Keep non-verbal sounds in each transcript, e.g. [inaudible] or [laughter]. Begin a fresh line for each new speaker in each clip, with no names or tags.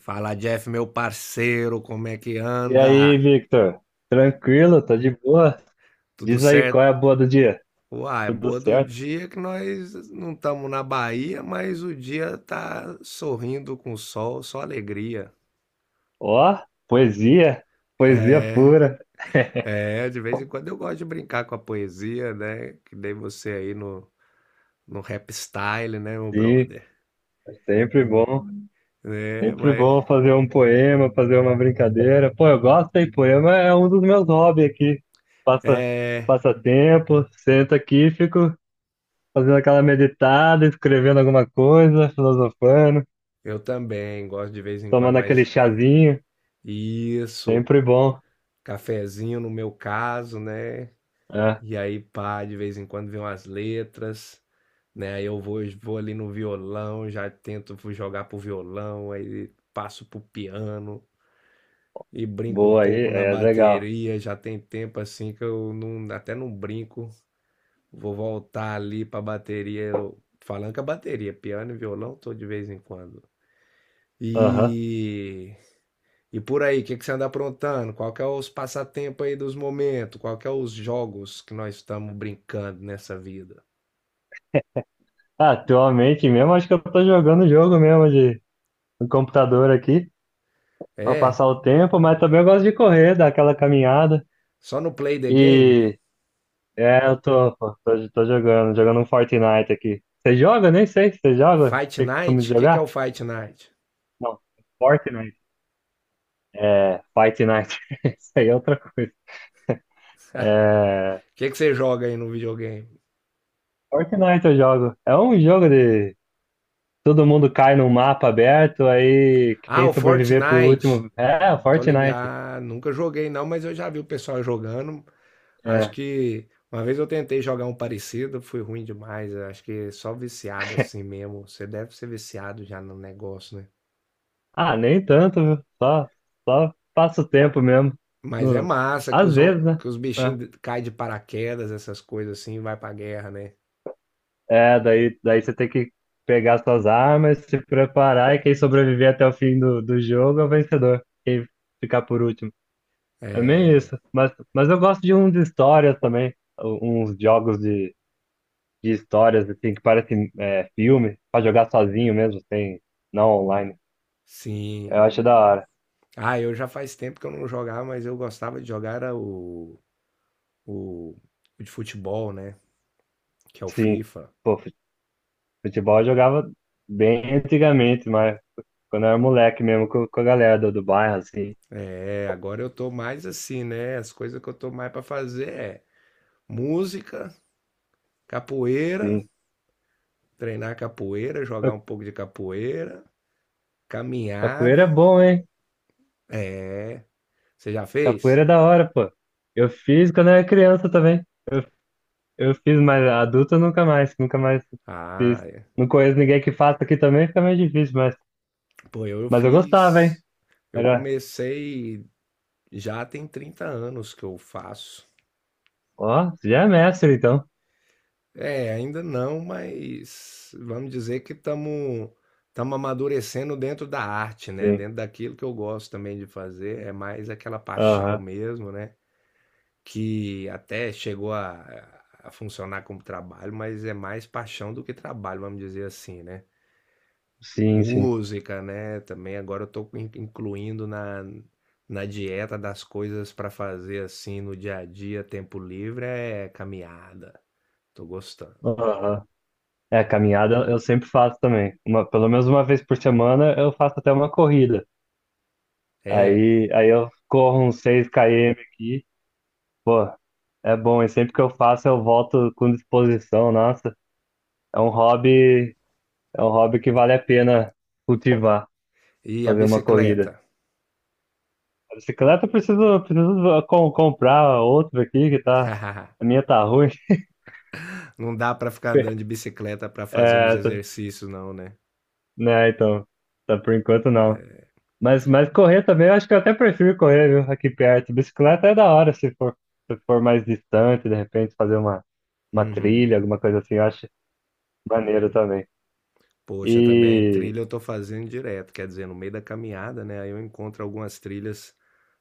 Fala, Jeff, meu parceiro, como é que
E aí,
anda?
Victor? Tranquilo? Tá de boa?
Tudo
Diz aí qual é
certo?
a boa do dia?
Uai,
Tudo
boa do
certo?
dia que nós não estamos na Bahia, mas o dia tá sorrindo com o sol, só alegria.
Ó, poesia, poesia pura.
É, de vez em quando eu gosto de brincar com a poesia, né? Que dei você aí no rap style, né, meu
Sim,
brother?
é
É,
sempre
mas.
bom fazer um poema, fazer uma brincadeira. Pô, eu gosto, hein? Poema é um dos meus hobbies aqui. Passa,
É,
passa tempo, sento aqui, fico fazendo aquela meditada, escrevendo alguma coisa, filosofando,
eu também gosto de vez em quando,
tomando aquele
mas.
chazinho.
Isso,
Sempre bom.
cafezinho no meu caso, né?
É,
E aí, pá, de vez em quando vem umas letras, né? Aí eu vou ali no violão, já tento jogar pro violão, aí passo pro piano e brinco um
boa aí,
pouco na
é legal.
bateria. Já tem tempo assim que eu não, até não brinco. Vou voltar ali pra bateria, falando que a bateria, piano e violão, tô de vez em quando.
Aham.
E, e por aí, o que que você anda aprontando? Qual que é os passatempos aí dos momentos? Qual que é os jogos que nós estamos brincando nessa vida?
Ah, atualmente mesmo, acho que eu tô jogando jogo mesmo de no computador aqui, pra
É,
passar o tempo, mas também eu gosto de correr, dar aquela caminhada.
só no Play the Game?
E é, eu tô, pô, tô, tô jogando um Fortnite aqui. Você joga? Nem sei se você joga.
Fight
Tem costume de
Night? O, que, que é o
jogar?
Fight Night?
Não, Fortnite. É, Fight Night. [laughs] Isso aí é outra coisa.
O
É,
[laughs] que você joga aí no videogame?
Fortnite eu jogo. É um jogo de todo mundo cai num mapa aberto, aí
Ah,
quem
o
sobreviver por
Fortnite.
último. É,
Tô
Fortnite.
ligado. Nunca joguei não, mas eu já vi o pessoal jogando. Acho
É.
que uma vez eu tentei jogar um parecido, fui ruim demais. Acho que só viciado
[laughs]
assim mesmo. Você deve ser viciado já no negócio, né?
Ah, nem tanto, viu? Só passa o tempo mesmo.
Mas é
No...
massa que
Às vezes, né?
que os
É,
bichinhos caem de paraquedas, essas coisas assim, e vai pra guerra, né?
É, daí você tem que pegar suas armas, se preparar e quem sobreviver até o fim do jogo é o vencedor. Quem ficar por último. É meio
É,
isso. Mas eu gosto de uns de histórias também. Uns jogos de histórias, assim, que parecem é, filme, pra jogar sozinho mesmo, sem, não online.
sim.
Eu acho da hora.
Ah, eu já faz tempo que eu não jogava, mas eu gostava de jogar era o, o de futebol, né? Que é o
Sim.
FIFA.
Pô, futebol eu jogava bem antigamente, mas. Quando eu era moleque mesmo, com a galera do bairro, assim.
É, agora eu tô mais assim, né? As coisas que eu tô mais pra fazer é música, capoeira,
Sim.
treinar capoeira,
Pô,
jogar um pouco de capoeira,
capoeira é
caminhada.
bom, hein?
Você já
Capoeira
fez?
é da hora, pô. Eu fiz quando eu era criança também. Eu, eu fiz, mas adulto eu nunca mais, nunca mais
Ah,
fiz.
é.
Não conheço ninguém que faça aqui também, fica meio difícil, mas,
Pô, eu
mas eu gostava, hein?
fiz. Eu
Era,
comecei já tem 30 anos que eu faço.
ó, você já é mestre, então.
É, ainda não, mas vamos dizer que estamos amadurecendo dentro da arte, né?
Sim.
Dentro daquilo que eu gosto também de fazer, é mais aquela paixão
Aham.
mesmo, né? Que até chegou a funcionar como trabalho, mas é mais paixão do que trabalho, vamos dizer assim, né?
Sim, sim.
Música, né? Também agora eu estou incluindo na dieta das coisas para fazer assim no dia a dia, tempo livre, é caminhada. Tô gostando.
Aham. É, caminhada eu sempre faço também. Pelo menos uma vez por semana eu faço até uma corrida.
É,
Aí eu corro uns 6 km aqui. Pô, é bom, e sempre que eu faço eu volto com disposição, nossa. É um hobby, é um hobby que vale a pena cultivar,
e a
fazer uma
bicicleta?
corrida. A bicicleta eu preciso comprar outra aqui que tá, a
[laughs]
minha tá ruim.
Não dá pra ficar andando
[laughs]
de bicicleta pra fazer uns
É,
exercícios, não, né?
né, então, tá por enquanto não. Mas correr também, eu acho que eu até prefiro correr, viu, aqui perto. Bicicleta é da hora se for, mais distante, de repente fazer uma
Uhum.
trilha, alguma coisa assim, eu acho maneiro também.
Poxa, também
E
trilha eu tô fazendo direto, quer dizer, no meio da caminhada, né? Aí eu encontro algumas trilhas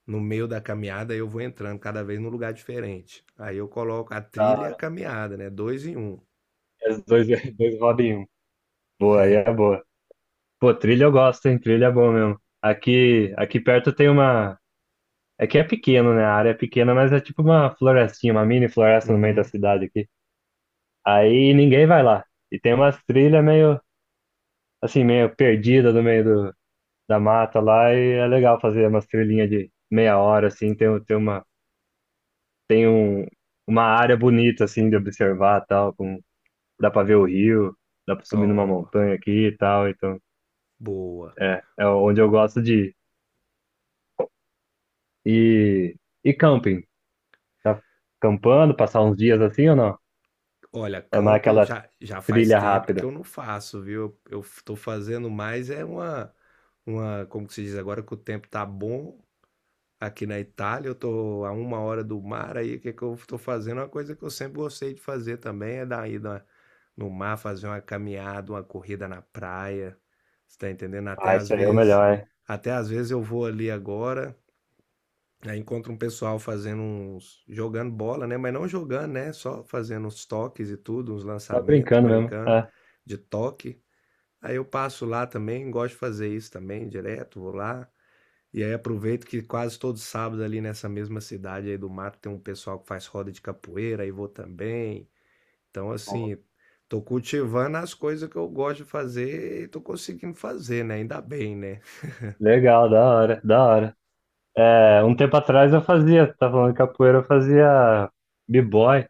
no meio da caminhada, aí eu vou entrando cada vez num lugar diferente. Aí eu coloco a
da
trilha e a
hora.
caminhada, né? Dois em um.
Os dois, [laughs] dois rodam em um.
[laughs]
Boa, aí
É.
é boa. Pô, trilha eu gosto, hein? Trilha é bom mesmo. Aqui perto tem uma. É que é pequeno, né? A área é pequena, mas é tipo uma florestinha, uma mini floresta no meio da
Uhum.
cidade aqui. Aí ninguém vai lá. E tem umas trilhas meio, assim, meio perdida no meio do, da mata lá. E é legal fazer umas trilhinhas de meia hora, assim. Tem, um tem uma, tem um, uma área bonita, assim, de observar tal. Com, dá pra ver o rio, dá pra subir numa
Ó,
montanha aqui e tal. Então.
boa.
É, onde eu gosto de ir. E, e camping? Tá campando, passar uns dias assim ou não?
Olha,
Ou não é
camping
aquela
já faz
trilha
tempo que
rápida?
eu não faço, viu? Eu estou fazendo mais é como que se diz agora que o tempo tá bom aqui na Itália, eu tô a uma hora do mar aí, o que que eu estou fazendo? Uma coisa que eu sempre gostei de fazer também é dar uma ida no mar, fazer uma caminhada, uma corrida na praia, você tá entendendo?
Ah, isso aí é o melhor, é.
Até às vezes eu vou ali agora. Aí encontra um pessoal fazendo uns jogando bola, né? Mas não jogando, né? Só fazendo uns toques e tudo, uns
Tá
lançamentos,
brincando mesmo.
brincando
É.
de toque. Aí eu passo lá também, gosto de fazer isso também, direto, vou lá. E aí aproveito que quase todo sábado ali nessa mesma cidade aí do mato tem um pessoal que faz roda de capoeira, aí vou também. Então, assim, tô cultivando as coisas que eu gosto de fazer e tô conseguindo fazer, né? Ainda bem, né?
Legal, da hora, da hora. É, um tempo atrás eu fazia, tá falando de capoeira, eu fazia b-boy,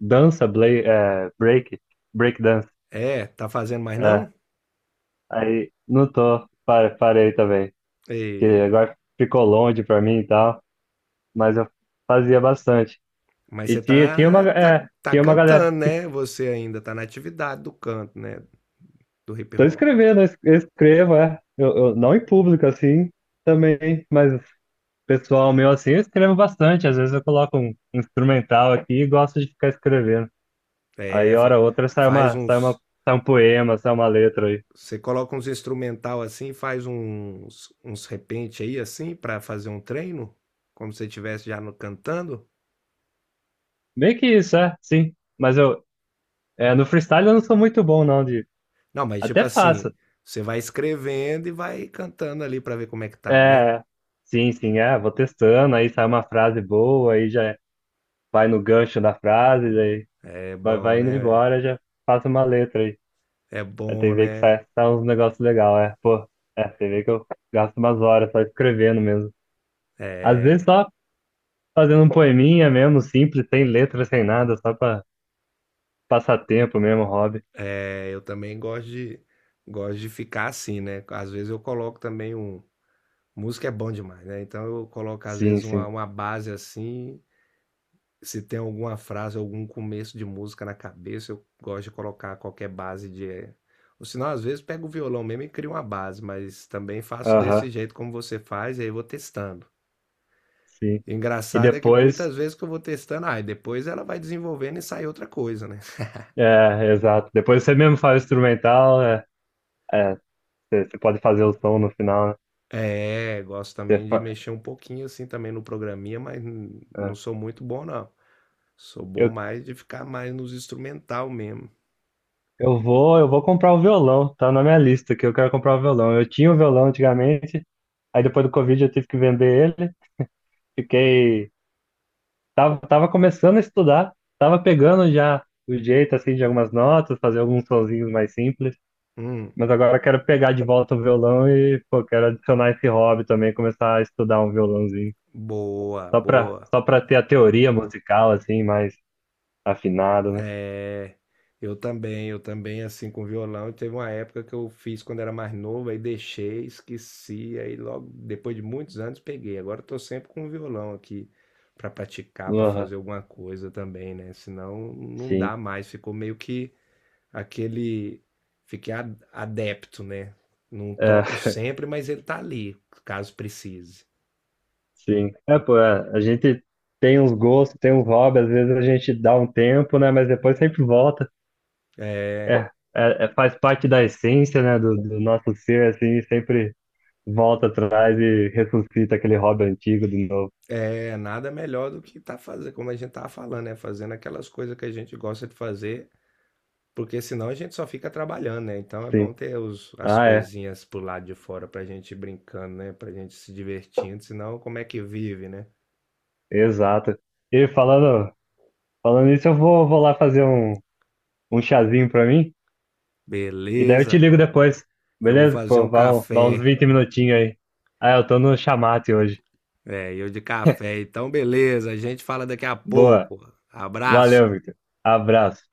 dança, break dance.
É, tá fazendo mais
É,
não?
aí não tô, parei também, que
E...
agora ficou longe pra mim e tal, mas eu fazia bastante.
Mas
E
você
tinha, tinha uma, é,
tá
tinha uma galera.
cantando, né? Você ainda tá na atividade do canto, né? Do hip
Tô
hop.
escrevendo, eu escrevo, é. Não em público, assim, também, mas pessoal meu, assim, eu escrevo bastante. Às vezes eu coloco um instrumental aqui e gosto de ficar escrevendo. Aí,
É,
hora ou outra,
faz uns.
sai um poema, sai uma letra aí.
Você coloca uns instrumental assim, faz uns repente aí assim pra fazer um treino, como se você estivesse já no, cantando.
Meio que isso, é, sim. Mas no freestyle eu não sou muito bom, não, de...
Não, mas tipo
Até
assim,
faço.
você vai escrevendo e vai cantando ali pra ver como é que tá, né?
É, sim, sim, vou testando, aí sai uma frase boa, aí já vai no gancho da frase,
É
Vai,
bom,
vai indo
né?
embora, já faço uma letra aí.
É
A
bom,
TV que
né?
sai uns negócios legais, é. Pô, TV que eu gasto umas horas só escrevendo mesmo. Às vezes
É,
só fazendo um poeminha mesmo, simples, sem letra, sem nada, só pra passar tempo mesmo, hobby.
eu também gosto gosto de ficar assim, né? Às vezes eu coloco também um música é bom demais, né? Então eu coloco às
Sim,
vezes
sim.
uma base assim. Se tem alguma frase, algum começo de música na cabeça, eu gosto de colocar qualquer base de. É, ou senão, às vezes, pego o violão mesmo e crio uma base, mas também faço
Aham,
desse jeito como você faz, e aí eu vou testando.
sim.
E o
E
engraçado é que
depois,
muitas vezes que eu vou testando, ah, e depois ela vai desenvolvendo e sai outra coisa, né? [laughs]
é, exato. Depois você mesmo faz o instrumental, é, você pode fazer o som no final, né?
É, gosto
Você
também de
fa-
mexer um pouquinho assim também no programinha, mas não
é.
sou muito bom, não. Sou bom
Eu,
mais de ficar mais nos instrumental mesmo.
eu vou comprar o violão, tá na minha lista que eu quero comprar o violão. Eu tinha o violão antigamente, aí depois do Covid eu tive que vender ele. Fiquei. Tava começando a estudar, tava pegando já o jeito assim de algumas notas, fazer alguns sonzinhos mais simples.
Hum,
Mas agora eu quero pegar de volta o violão e, pô, quero adicionar esse hobby também, começar a estudar um violãozinho.
boa, boa.
Só pra ter a teoria musical, assim, mais afinada, né?
É, eu também, assim, com violão, e teve uma época que eu fiz quando era mais novo, aí deixei, esqueci, aí logo depois de muitos anos peguei. Agora eu tô sempre com o violão aqui para praticar, para
Aham,
fazer alguma coisa também, né? Senão não dá
sim.
mais, ficou meio que aquele, fiquei adepto, né? Não
É,
toco sempre, mas ele tá ali, caso precise.
sim. É, pô, é, a gente tem uns gostos, tem uns hobbies, às vezes a gente dá um tempo, né? Mas depois sempre volta. É,
É,
é, é- faz parte da essência, né, do nosso ser, assim, sempre volta atrás e ressuscita aquele hobby antigo de novo.
É, nada melhor do que tá fazendo, como a gente tava falando, né? Fazendo aquelas coisas que a gente gosta de fazer, porque senão a gente só fica trabalhando, né? Então é bom
Sim.
ter as
Ah, é,
coisinhas pro lado de fora pra gente ir brincando, né? Pra gente se divertindo, senão como é que vive, né?
exato. E falando isso, vou lá fazer um chazinho pra mim e daí eu
Beleza,
te ligo depois,
eu vou
beleza?
fazer
Pô,
um
dá uns
café.
20 minutinhos aí. Ah, eu tô no chamate hoje.
É, eu de café, então beleza, a gente fala daqui a
[laughs] Boa,
pouco. Abraço.
valeu, Victor. Abraço.